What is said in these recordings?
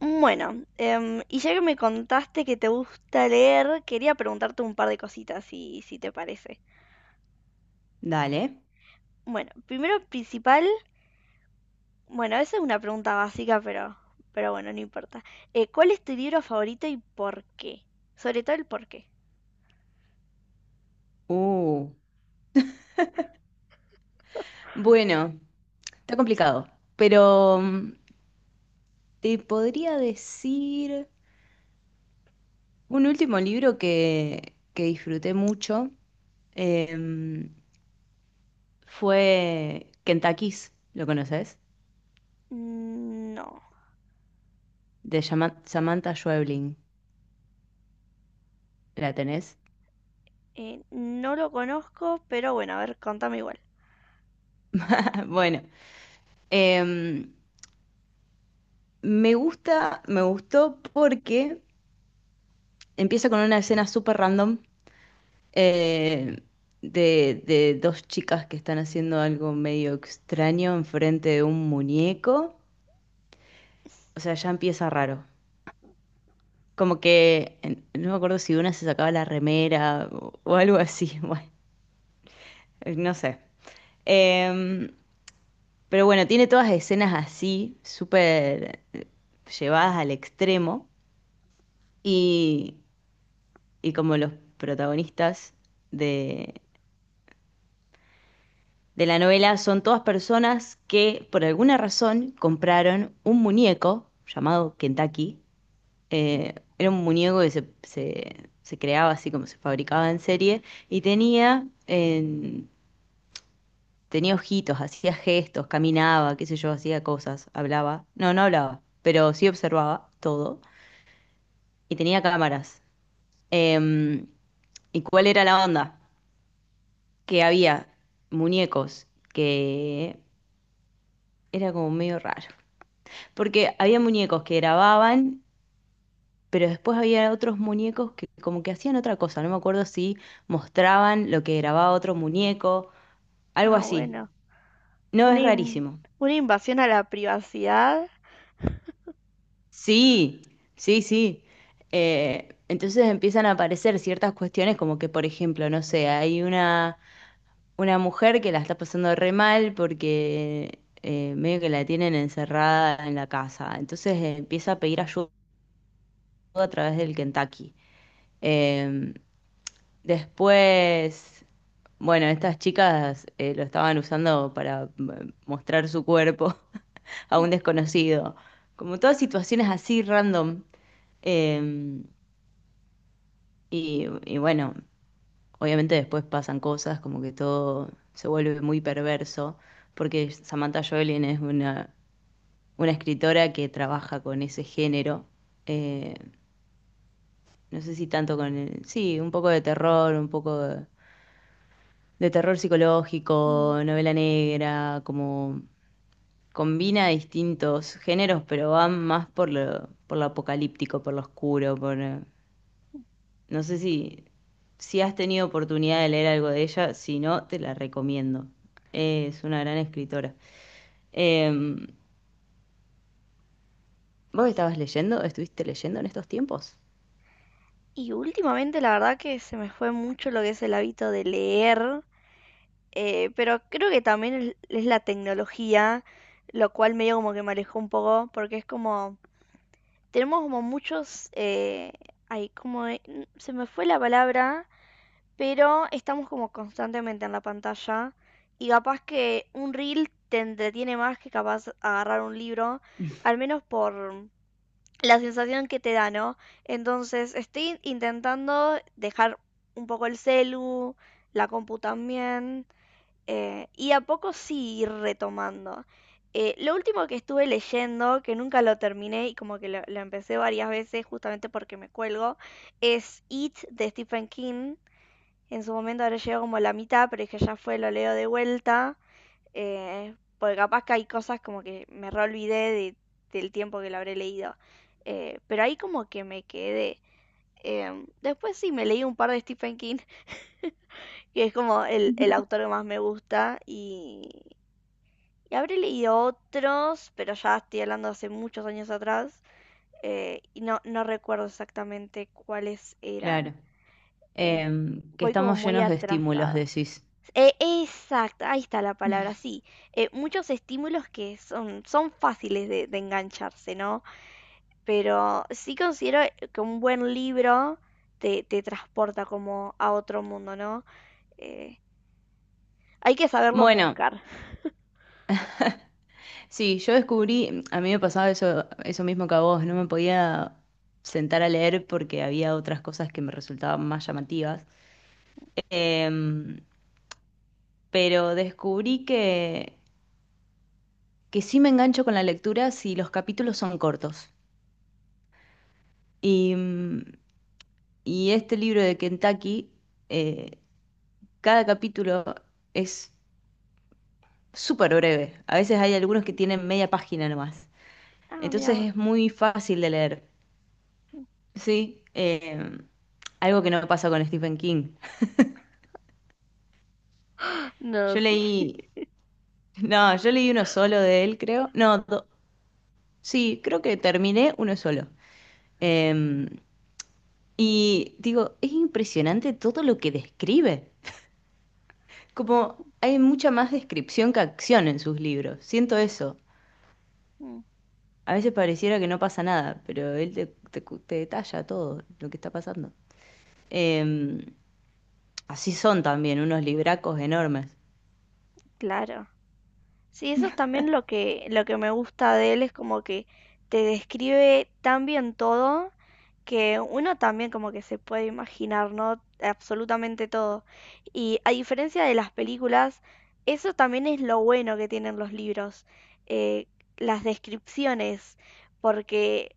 Bueno, y ya que me contaste que te gusta leer, quería preguntarte un par de cositas, si te parece. Dale. Bueno, primero principal, bueno, esa es una pregunta básica, pero bueno, no importa. ¿Cuál es tu libro favorito y por qué? Sobre todo el por qué. Uh, bueno, está complicado, pero te podría decir un último libro que disfruté mucho em, fue Kentucky's, ¿lo conoces? Mm, no, De Samantha Schweblin, ¿la tenés? No lo conozco, pero bueno, a ver, contame igual. Bueno, em, me gustó porque empieza con una escena súper random eh, de dos chicas que están haciendo algo medio extraño enfrente de un muñeco. O sea, ya empieza raro. Como que no me acuerdo si una se sacaba la remera o algo así. Bueno, no sé. Em, pero bueno, tiene todas escenas así, súper llevadas al extremo. Y, y como los protagonistas de la novela son todas personas que por alguna razón compraron un muñeco llamado Kentucky. Era un muñeco se creaba así como se fabricaba en serie y tenía, tenía ojitos, hacía gestos, caminaba, qué sé yo, hacía cosas, hablaba. No, no hablaba, pero sí observaba todo y tenía cámaras. Em, ¿Y cuál era la onda? Que había muñecos que era como medio raro. Porque había muñecos que grababan, pero después había otros muñecos que como que hacían otra cosa. No me acuerdo si mostraban lo que grababa otro muñeco, algo Ah, así. bueno, No, una, es in- rarísimo. una invasión a la privacidad. Sí, sí, sí. Entonces empiezan a aparecer ciertas cuestiones como que, por ejemplo, no sé, hay una mujer que la está pasando re mal porque medio que la tienen encerrada en la casa. Entonces empieza a pedir ayuda a través del Kentucky. Em, Después, bueno, estas chicas lo estaban usando para mostrar su cuerpo a un desconocido. Como todas situaciones así random. Eh, y bueno, obviamente después pasan cosas, como que todo se vuelve muy perverso, porque Samantha Joelin es una escritora que trabaja con ese género. eh, no sé si tanto con sí, un poco de terror, un poco de terror Mm. psicológico, novela negra, como combina distintos géneros, pero va más por lo apocalíptico, por lo oscuro, por... No sé si, si has tenido oportunidad de leer algo de ella, si no, te la recomiendo. Es una gran escritora. Em, ¿Vos estabas leyendo? ¿Estuviste leyendo en estos tiempos? Y últimamente la verdad que se me fue mucho lo que es el hábito de leer. Pero creo que también es la tecnología, lo cual medio como que me alejó un poco, porque es como, tenemos como muchos, ay, como, se me fue la palabra, pero estamos como constantemente en la pantalla y capaz que un reel te entretiene más que capaz agarrar un libro, al menos por la sensación que te da, ¿no? Entonces estoy intentando dejar un poco el celu, la compu también y a poco sí ir retomando. Lo último que estuve leyendo, que nunca lo terminé y como que lo empecé varias veces justamente porque me cuelgo, es It de Stephen King. En su momento ahora llegó como a la mitad, pero es que ya fue, lo leo de vuelta. Porque capaz que hay cosas como que me reolvidé de- del tiempo que lo habré leído. Pero ahí como que me quedé. Después sí me leí un par de Stephen King, que es como el autor que más me gusta y habré leído otros, pero ya estoy hablando hace muchos años atrás y no, no recuerdo exactamente cuáles eran. Claro. Eh, Que voy como estamos muy llenos de estímulos, atrasada. decís. Exacto, ahí está la palabra, sí. Muchos estímulos que son, son fáciles de engancharse, ¿no? Pero sí considero que un buen libro te transporta como a otro mundo, ¿no? Eh, hay que saberlos Bueno, buscar. sí, yo descubrí, a mí me pasaba eso, eso mismo que a vos, no me podía sentar a leer porque había otras cosas que me resultaban más llamativas. Em, pero descubrí que sí me engancho con la lectura si los capítulos son cortos. Y, y este libro de Kentucky, eh, cada capítulo es súper breve. A veces hay algunos que tienen media página nomás. Ah, mira Entonces vos. es muy fácil de leer. Sí, algo que no pasa con Stephen King. No, Yo sí. leí, no, yo leí él, creo. No, sí, creo que terminé uno solo. Eh, y digo, es impresionante todo lo que describe. Como hay mucha más descripción que acción en sus libros. Siento eso. A veces pareciera que no pasa nada, pero él te detalla todo lo que está pasando. Eh, Así son también, unos libracos enormes. Claro. Sí, eso también lo que me gusta de él es como que te describe tan bien todo que uno también como que se puede imaginar, ¿no? Absolutamente todo. Y a diferencia de las películas, eso también es lo bueno que tienen los libros, eh, las descripciones, porque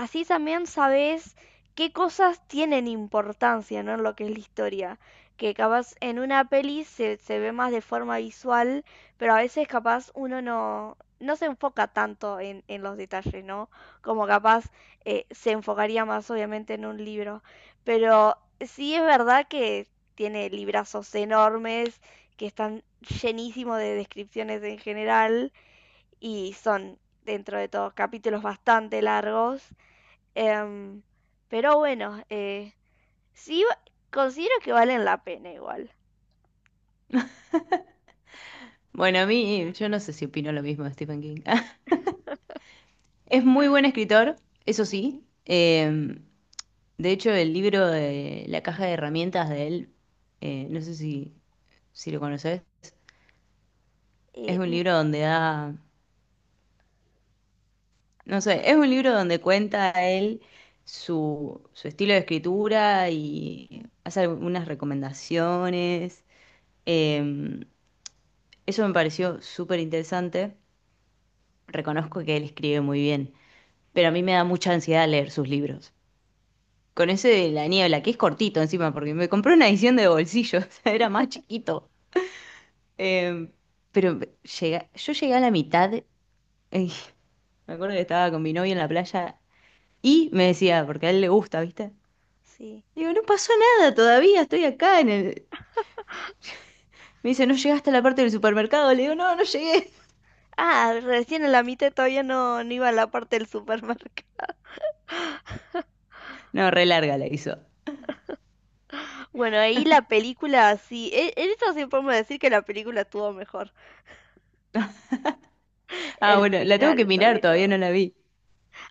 así también sabes qué cosas tienen importancia, ¿no? En lo que es la historia. Que capaz en una peli se, se ve más de forma visual, pero a veces capaz uno no, no se enfoca tanto en los detalles, ¿no? Como capaz se enfocaría más obviamente en un libro. Pero sí es verdad que tiene librazos enormes, que están llenísimos de descripciones en general y son dentro de todo capítulos bastante largos. Em, pero bueno, sí, considero que valen la pena igual. Bueno, a mí, yo no sé si opino lo mismo de Stephen King. Es muy buen escritor, eso Ujú. sí. De hecho, el libro de La caja de herramientas de él, no sé si, si lo conoces, es Eh, un n- libro donde da, no ajá, sé, es un libro donde cuenta él su, su estilo de escritura y mm, hace algunas recomendaciones. Eh, Eso me pareció súper interesante. Reconozco que él escribe muy bien, pero a mí me da mucha ansiedad leer sus libros. Con ese de la niebla, que es cortito encima, porque me compré una edición de bolsillo, o sea, era más chiquito. Eh, pero llega, yo llegué a la mitad, me acuerdo que estaba con mi novio en la playa y me decía, porque a él le gusta, ¿viste? sí. Digo, no pasó nada todavía, estoy acá en el... Me dice, ¿no llegaste a la parte del supermercado? Le digo, no, no llegué. Ah, recién en la mitad todavía no, no iba a la parte del supermercado. No, re larga la hizo. Bueno, ahí la película, sí. En eso sí podemos decir que la película estuvo mejor. Ah, El bueno, la tengo que final, mirar, sobre todavía todo. no la vi.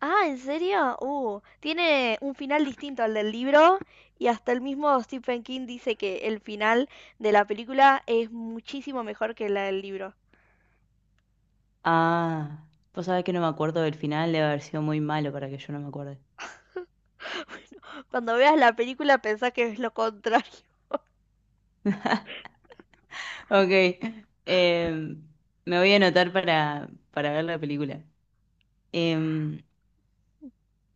Ah, ¿en serio? Tiene un final distinto al del libro y hasta el mismo Stephen King dice que el final de la película es muchísimo mejor que la del libro. Ah, vos sabés que no me acuerdo del final, debe haber sido muy malo para que yo no me acuerde. Cuando veas la película pensá que es lo contrario. Ok, em, me voy a anotar para ver la película. Em,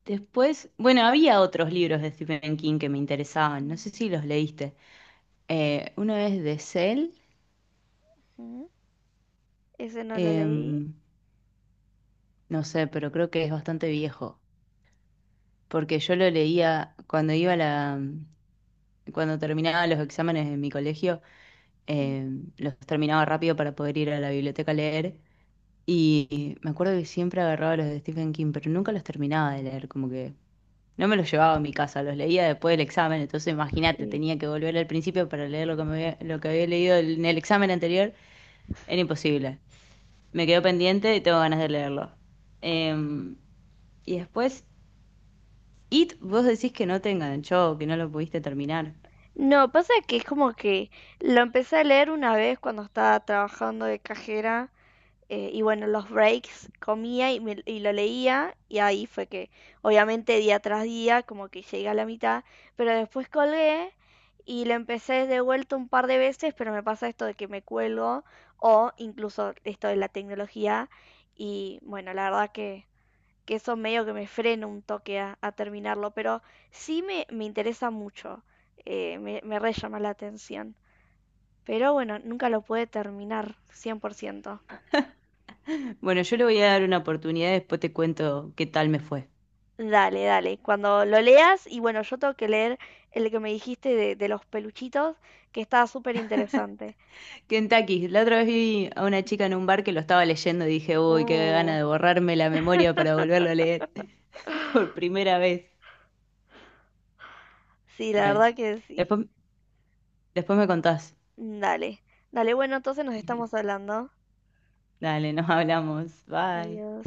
Después, bueno, había otros libros de Stephen King que me interesaban, no sé si los leíste. Uno es de Cell, Uh-huh. Ese no lo leí. em, no sé, pero creo que es bastante viejo, porque yo lo leía cuando iba a cuando terminaba los exámenes en mi colegio, los terminaba rápido para poder ir a la biblioteca a leer. Y me acuerdo que siempre agarraba los de Stephen King, pero nunca los terminaba de leer, como que no me los llevaba a mi casa, los leía después del examen, entonces imagínate, Sí. tenía que volver al principio para leer lo lo que había leído en el examen anterior, era imposible. Me quedó pendiente y tengo ganas de leerlo. Em, y después, It, vos decís que no te enganchó, que no lo pudiste terminar. No, pasa que es como que lo empecé a leer una vez cuando estaba trabajando de cajera y bueno, los breaks comía y lo leía y ahí fue que obviamente día tras día como que llegué a la mitad, pero después colgué y lo empecé de vuelta un par de veces, pero me pasa esto de que me cuelgo o incluso esto de la tecnología y bueno, la verdad que eso medio que me frena un toque a terminarlo, pero sí me interesa mucho, me re llama la atención. Pero bueno, nunca lo pude terminar 100%. Bueno, yo le voy a dar una oportunidad, después te cuento qué tal me fue. Dale, dale, cuando lo leas, y bueno, yo tengo que leer el que me dijiste de los peluchitos, que estaba súper interesante. Kentucky, la otra vez vi a una chica en un bar que lo estaba leyendo y dije, uy, qué gana Uh, de borrarme la memoria para volverlo a leer por primera vez. sí, la Bueno, verdad que sí. después... Después me contás. Dale, dale, bueno, entonces nos estamos hablando. Dale, nos hablamos. Bye. Adiós.